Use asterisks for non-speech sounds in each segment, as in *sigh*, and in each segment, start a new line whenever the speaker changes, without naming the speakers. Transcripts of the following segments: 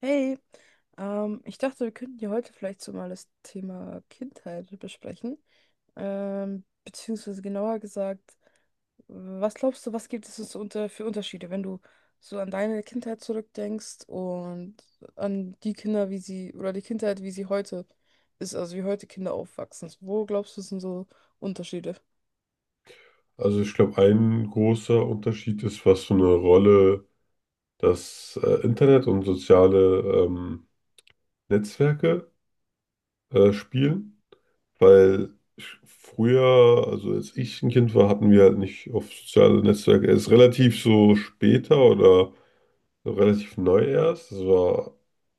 Hey, ich dachte, wir könnten ja heute vielleicht so mal das Thema Kindheit besprechen. Beziehungsweise genauer gesagt, was glaubst du, was gibt es so für Unterschiede, wenn du so an deine Kindheit zurückdenkst und an die Kinder, wie sie, oder die Kindheit, wie sie heute ist, also wie heute Kinder aufwachsen? Wo glaubst du, sind so Unterschiede?
Also ich glaube, ein großer Unterschied ist, was für eine Rolle das Internet und soziale ähm, Netzwerke spielen. Weil ich, früher, also als ich ein Kind war, hatten wir halt nicht auf soziale Netzwerke. Erst relativ so später oder so relativ neu erst. Das war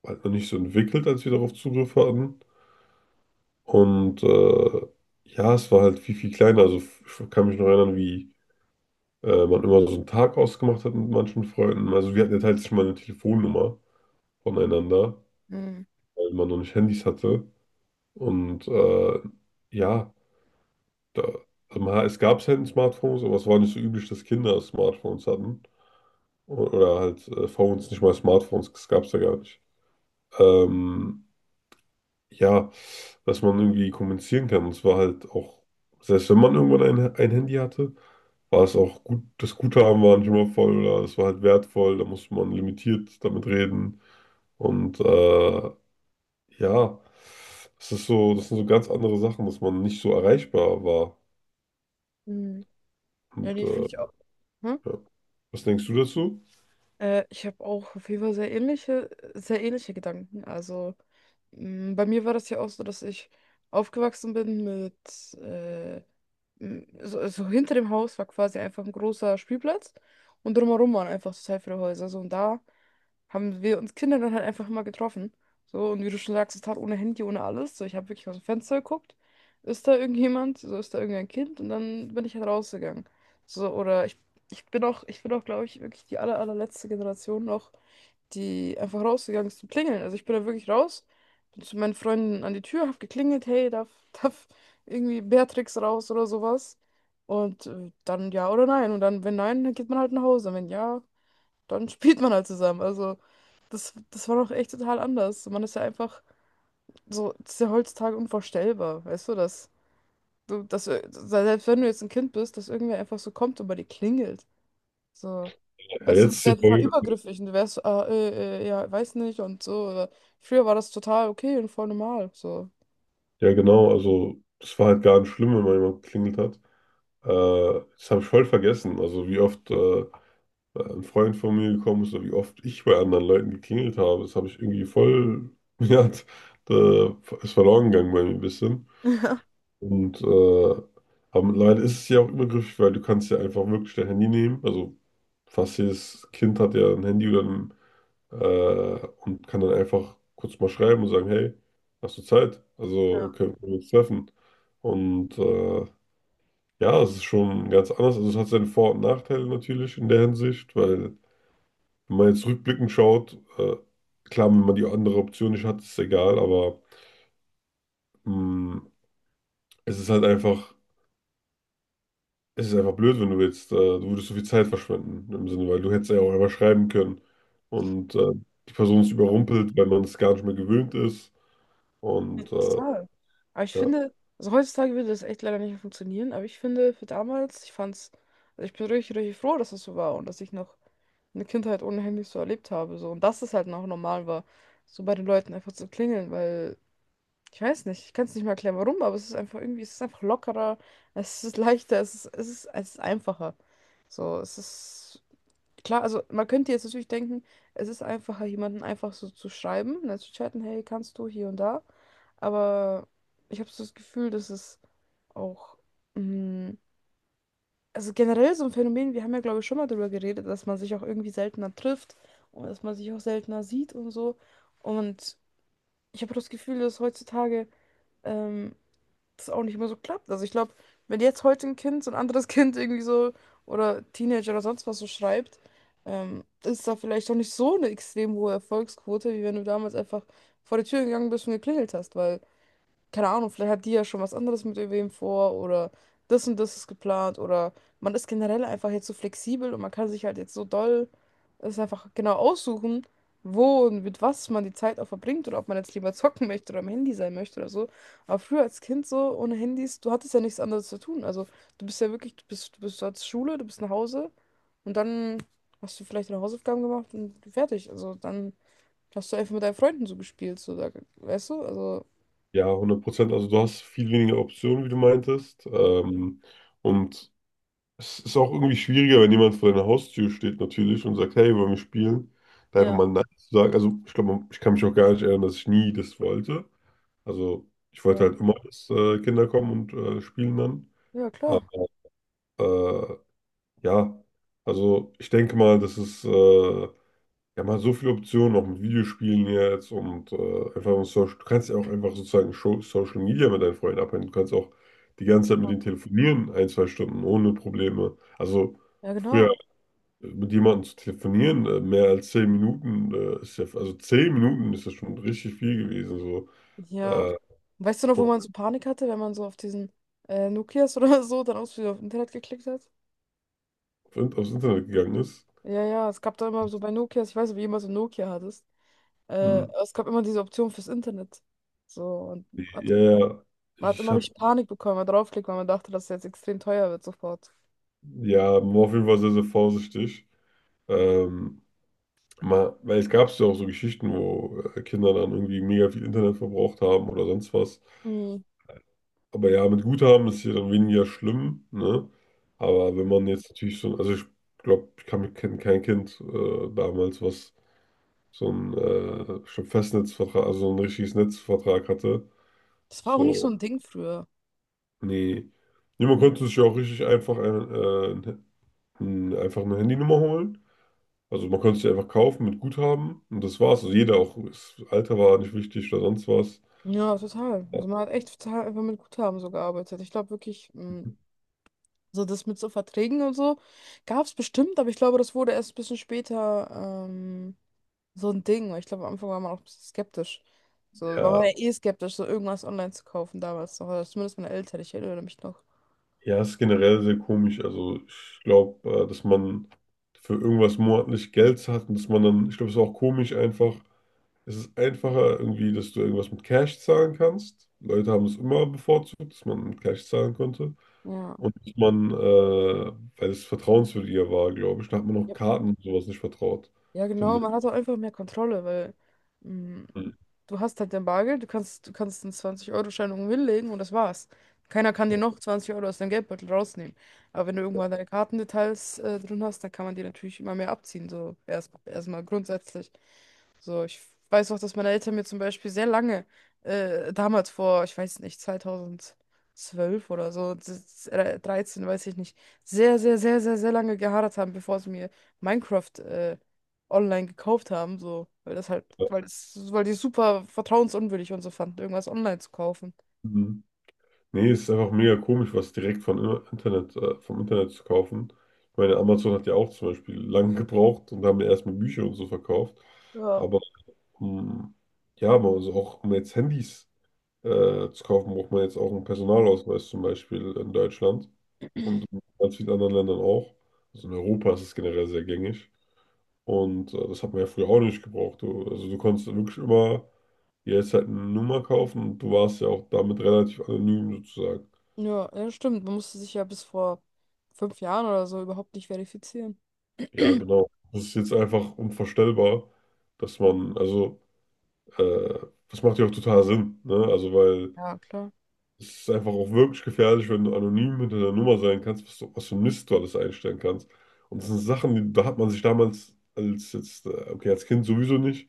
halt noch nicht so entwickelt, als wir darauf Zugriff hatten. Und ja, es war halt viel, viel kleiner. Also ich kann mich noch erinnern, wie man immer so einen Tag ausgemacht hat mit manchen Freunden. Also wir hatten ja teilweise mal eine Telefonnummer voneinander,
Hm.
weil man noch nicht Handys hatte. Und ja, da, also man, es gab selten Smartphones, aber es war nicht so üblich, dass Kinder Smartphones hatten. Oder halt Phones, nicht mal Smartphones, das gab es ja gar nicht. Ähm, ja, dass man irgendwie kommunizieren kann. Und es war halt auch, selbst wenn man irgendwann ein Handy hatte, war es auch gut, das Guthaben war nicht immer voll oder es war halt wertvoll, da musste man limitiert damit reden. Und ja, das ist so, das sind so ganz andere Sachen, dass man nicht so erreichbar war.
Hm. Ja,
Und
die
äh,
finde ich auch.
ja. Was denkst du dazu?
Ich habe auch auf jeden Fall sehr ähnliche Gedanken. Also bei mir war das ja auch so, dass ich aufgewachsen bin mit äh, so hinter dem Haus war quasi einfach ein großer Spielplatz und drumherum waren einfach total viele Häuser. So, und da haben wir uns Kinder dann halt einfach immer getroffen. So, und wie du schon sagst, total ohne Handy, ohne alles. So, ich habe wirklich aus dem Fenster geguckt. Ist da irgendjemand? So, ist da irgendein Kind? Und dann bin ich halt rausgegangen. So, oder ich bin auch, glaube ich, wirklich die allerletzte Generation noch, die einfach rausgegangen ist zum Klingeln. Also ich bin da wirklich raus, bin zu meinen Freunden an die Tür, hab geklingelt, hey, darf, *laughs* darf irgendwie Beatrix raus oder sowas. Und dann ja oder nein. Und dann, wenn nein, dann geht man halt nach Hause. Und wenn ja, dann *laughs* spielt man halt zusammen. Also das war noch echt total anders. Man ist ja einfach so, das ist ja heutzutage unvorstellbar, weißt du, dass selbst wenn du jetzt ein Kind bist, dass irgendwer einfach so kommt und bei dir klingelt. So.
Ja,
Weißt du,
jetzt
das
ist ja,
wäre total
voll-
übergriffig und du wärst so, ah, ja, weiß nicht und so. Oder früher war das total okay und voll normal. So.
Ja, genau, also das war halt gar nicht schlimm, wenn mal jemand geklingelt hat. Das habe ich voll vergessen. Also wie oft da ein Freund von mir gekommen ist oder wie oft ich bei anderen Leuten geklingelt habe. Das habe ich irgendwie voll, *laughs* ja, da ist verloren gegangen bei mir ein bisschen.
*laughs*
Und äh, aber leider ist es ja auch übergriffig, weil du kannst ja einfach wirklich dein Handy nehmen. Also fast jedes Kind hat ja ein Handy oder und kann dann einfach kurz mal schreiben und sagen, hey, hast du Zeit? Also
Ja.
können wir uns treffen. Und ja, es ist schon ganz anders. Also es hat seine Vor- und Nachteile natürlich in der Hinsicht, weil wenn man jetzt rückblickend schaut, klar, wenn man die andere Option nicht hat, ist egal, aber mh, es ist halt einfach, es ist einfach blöd, wenn du jetzt, du würdest so viel Zeit verschwenden, im Sinne, weil du hättest ja auch einfach schreiben können und die Person ist überrumpelt, weil man es gar nicht mehr gewöhnt ist
Ja,
und
total. Aber ich
ja,
finde, also heutzutage würde das echt leider nicht mehr funktionieren, aber ich finde, für damals, ich fand's, also ich bin richtig froh, dass das so war und dass ich noch eine Kindheit ohne Handys so erlebt habe. So. Und dass es halt noch normal war, so bei den Leuten einfach zu klingeln, weil ich weiß nicht, ich kann es nicht mal erklären, warum, aber es ist einfach irgendwie, es ist einfach lockerer, es ist leichter, es ist einfacher. So, es ist klar, also man könnte jetzt natürlich denken, es ist einfacher, jemanden einfach so zu schreiben, ne, zu chatten, hey, kannst du hier und da. Aber ich habe so das Gefühl, dass es auch, mh, also generell so ein Phänomen, wir haben ja, glaube ich, schon mal darüber geredet, dass man sich auch irgendwie seltener trifft und dass man sich auch seltener sieht und so. Und ich habe das Gefühl, dass heutzutage. Ähm, das auch nicht mehr so klappt. Also ich glaube, wenn jetzt heute ein Kind so ein anderes *laughs* Kind irgendwie so oder Teenager oder sonst was so schreibt, ist da vielleicht auch nicht so eine extrem hohe Erfolgsquote, wie wenn du damals einfach vor die Tür gegangen bist und geklingelt hast, weil keine Ahnung, vielleicht hat die ja schon was anderes mit irgendwem vor oder das und das ist geplant oder man ist generell einfach jetzt so flexibel und man kann sich halt jetzt so doll es einfach genau aussuchen, wo und mit was man die Zeit auch verbringt oder ob man jetzt lieber zocken möchte oder am Handy sein möchte oder so. Aber früher als Kind so ohne Handys, du hattest ja nichts anderes zu tun. Also du bist ja wirklich, du Schule, du bist nach Hause und dann hast du vielleicht deine Hausaufgaben gemacht und fertig. Also dann hast du einfach mit deinen Freunden so gespielt, so da, weißt du? Also
ja, 100%, also du hast viel weniger Optionen, wie du meintest und es ist auch irgendwie schwieriger, wenn jemand vor deiner Haustür steht natürlich und sagt, hey, wollen wir spielen? Da einfach
ja.
mal Nein zu sagen. Also ich glaube, ich kann mich auch gar nicht erinnern, dass ich nie das wollte. Also ich wollte halt immer, dass Kinder kommen und spielen dann.
Ja,
Aber
klar.
äh, ja, also ich denke mal, das ist ja, man hat so viele Optionen auch mit Videospielen jetzt und einfach mit Social. Du kannst ja auch einfach sozusagen Social Media mit deinen Freunden abhängen. Du kannst auch die ganze Zeit mit denen telefonieren, ein, zwei Stunden ohne Probleme. Also
Ja,
früher
genau.
mit jemandem zu telefonieren, mehr als 10 Minuten ist ja, also 10 Minuten ist ja schon richtig viel gewesen, so
Ja.
äh,
Weißt du noch, wo
und
man so Panik hatte, wenn man so auf diesen Nokias *laughs* oder so dann aus auf Internet geklickt hat?
aufs Internet gegangen ist.
Ja, ja, es gab da immer so bei Nokias, ich weiß nicht, wie immer so ein Nokia hattest.
Hm.
Es gab immer diese Option fürs Internet. So, und
Ja, ja,
man hat
ich
immer
hatte,
richtig Panik bekommen, wenn man draufklickt, weil man dachte, dass es jetzt extrem teuer wird sofort.
ja, war auf jeden Fall sehr, sehr vorsichtig. Ähm, Mal, weil es gab ja auch so Geschichten, wo Kinder dann irgendwie mega viel Internet verbraucht haben oder sonst was.
Mhm.
Aber ja, mit Guthaben ist hier dann weniger schlimm, ne? Aber wenn man jetzt natürlich so, also ich glaube, ich kann mich kein Kind damals, was so ein schon Festnetzvertrag, also so ein richtiges Netzvertrag hatte.
Das war auch nicht so
So,
ein Ding früher.
nee. Niemand konnte sich ja auch richtig einfach einfach eine Handynummer holen. Also man konnte sie einfach kaufen mit Guthaben und das war's. Also jeder auch, das Alter war nicht wichtig oder sonst was.
Ja, total. Also man hat echt total einfach mit Guthaben so gearbeitet. Ich glaube wirklich, also das mit so Verträgen und so gab es bestimmt, aber ich glaube, das wurde erst ein bisschen später so ein Ding. Weil ich glaube, am Anfang war man auch ein bisschen skeptisch. So, war man
Ja,
ja eh skeptisch, so irgendwas online zu kaufen damals noch. Oder zumindest meine Eltern, ich erinnere mich noch.
ja, ist generell sehr komisch. Also ich glaube, dass man für irgendwas monatlich Geld hat und dass man dann, ich glaube, es ist auch komisch einfach. Es ist einfacher irgendwie, dass du irgendwas mit Cash zahlen kannst. Leute haben es immer bevorzugt, dass man mit Cash zahlen konnte.
Ja.
Und dass man, weil es vertrauenswürdiger war, glaube ich, da hat man auch
Ja,
Karten und sowas nicht vertraut,
ja, genau,
finde
man
ich.
hat auch einfach mehr Kontrolle, weil mm,
Hm.
du hast halt dein Bargeld, du kannst einen 20-Euro-Schein irgendwo hinlegen und das war's. Keiner kann dir
Ja.
noch 20 Euro aus deinem Geldbeutel rausnehmen. Aber wenn du irgendwann deine Kartendetails drin hast, dann kann man dir natürlich immer mehr abziehen. So erstmal grundsätzlich. So, ich weiß auch, dass meine Eltern mir zum Beispiel sehr lange, damals vor, ich weiß nicht, 2012 oder so, 13, weiß ich nicht, sehr lange geharrt haben, bevor sie mir Minecraft, online gekauft haben, so, weil das halt, weil die super vertrauensunwürdig und so fanden, irgendwas online zu kaufen.
Mhm. Nee, es ist einfach mega komisch, was direkt vom Internet zu kaufen. Ich meine, Amazon hat ja auch zum Beispiel lange gebraucht und haben ja erstmal Bücher und so verkauft.
Ja.
Aber ähm, ja, aber also auch um jetzt Handys zu kaufen, braucht man jetzt auch einen Personalausweis zum Beispiel in Deutschland und in ganz vielen anderen Ländern auch. Also in Europa ist es generell sehr gängig. Und das hat man ja früher auch nicht gebraucht. Du, also du konntest wirklich immer dir jetzt halt eine Nummer kaufen und du warst ja auch damit relativ anonym sozusagen.
Ja, ja, stimmt. Man musste sich ja bis vor fünf Jahren oder so überhaupt nicht verifizieren.
Ja,
*clears throat*
genau. Das ist jetzt einfach unvorstellbar, dass man, also, äh, das macht ja auch total Sinn, ne? Also, weil
Ja, klar.
es ist einfach auch wirklich gefährlich, wenn du anonym hinter der Nummer sein kannst, was, du, was für Mist du alles einstellen kannst. Und das sind Sachen, die, da hat man sich damals als jetzt, okay, als Kind sowieso nicht,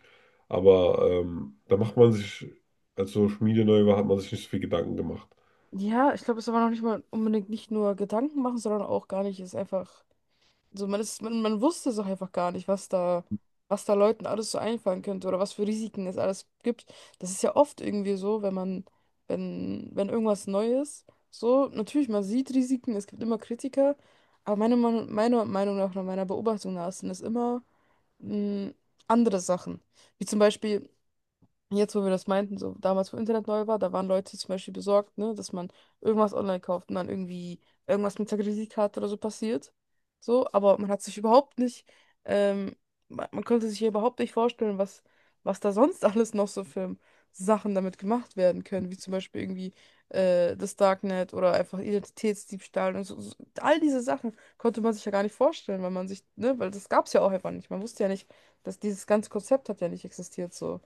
aber da macht man sich, als Social Media neu war, hat man sich nicht so viel Gedanken gemacht.
Ja, ich glaube, es ist aber noch nicht mal unbedingt nicht nur Gedanken machen, sondern auch gar nicht, es einfach. So, man ist, man wusste es auch einfach gar nicht, was da Leuten alles so einfallen könnte oder was für Risiken es alles gibt. Das ist ja oft irgendwie so, wenn man, wenn irgendwas Neues, so, natürlich, man sieht Risiken, es gibt immer Kritiker, aber meiner Meinung nach, nach meiner Beobachtung nach, sind es immer mh, andere Sachen. Wie zum Beispiel, jetzt, wo wir das meinten, so damals, wo Internet neu war, da waren Leute zum Beispiel besorgt, ne, dass man irgendwas online kauft und dann irgendwie irgendwas mit der Kreditkarte oder so passiert. So, aber man hat sich überhaupt nicht, ähm, man konnte sich hier überhaupt nicht vorstellen, was, was da sonst alles noch so für Sachen damit gemacht werden können, wie zum Beispiel irgendwie das Darknet oder einfach Identitätsdiebstahl und so, so. All diese Sachen konnte man sich ja gar nicht vorstellen, weil man sich, ne, weil das gab es ja auch einfach nicht. Man wusste ja nicht, dass dieses ganze Konzept hat ja nicht existiert, so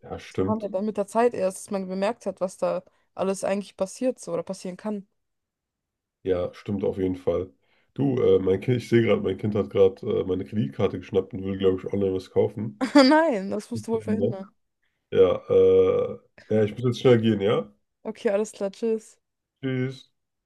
Ja,
kam ja
stimmt.
dann mit der Zeit erst, dass man bemerkt hat, was da alles eigentlich passiert so oder passieren kann.
Ja, stimmt auf jeden Fall. Du, mein Kind, ich sehe gerade, mein Kind hat gerade meine Kreditkarte geschnappt und will, glaube ich, online was kaufen.
*laughs* Nein, das musst du wohl verhindern.
Ja, ja, ich muss jetzt schnell gehen, ja?
Okay, alles klar, tschüss.
Tschüss.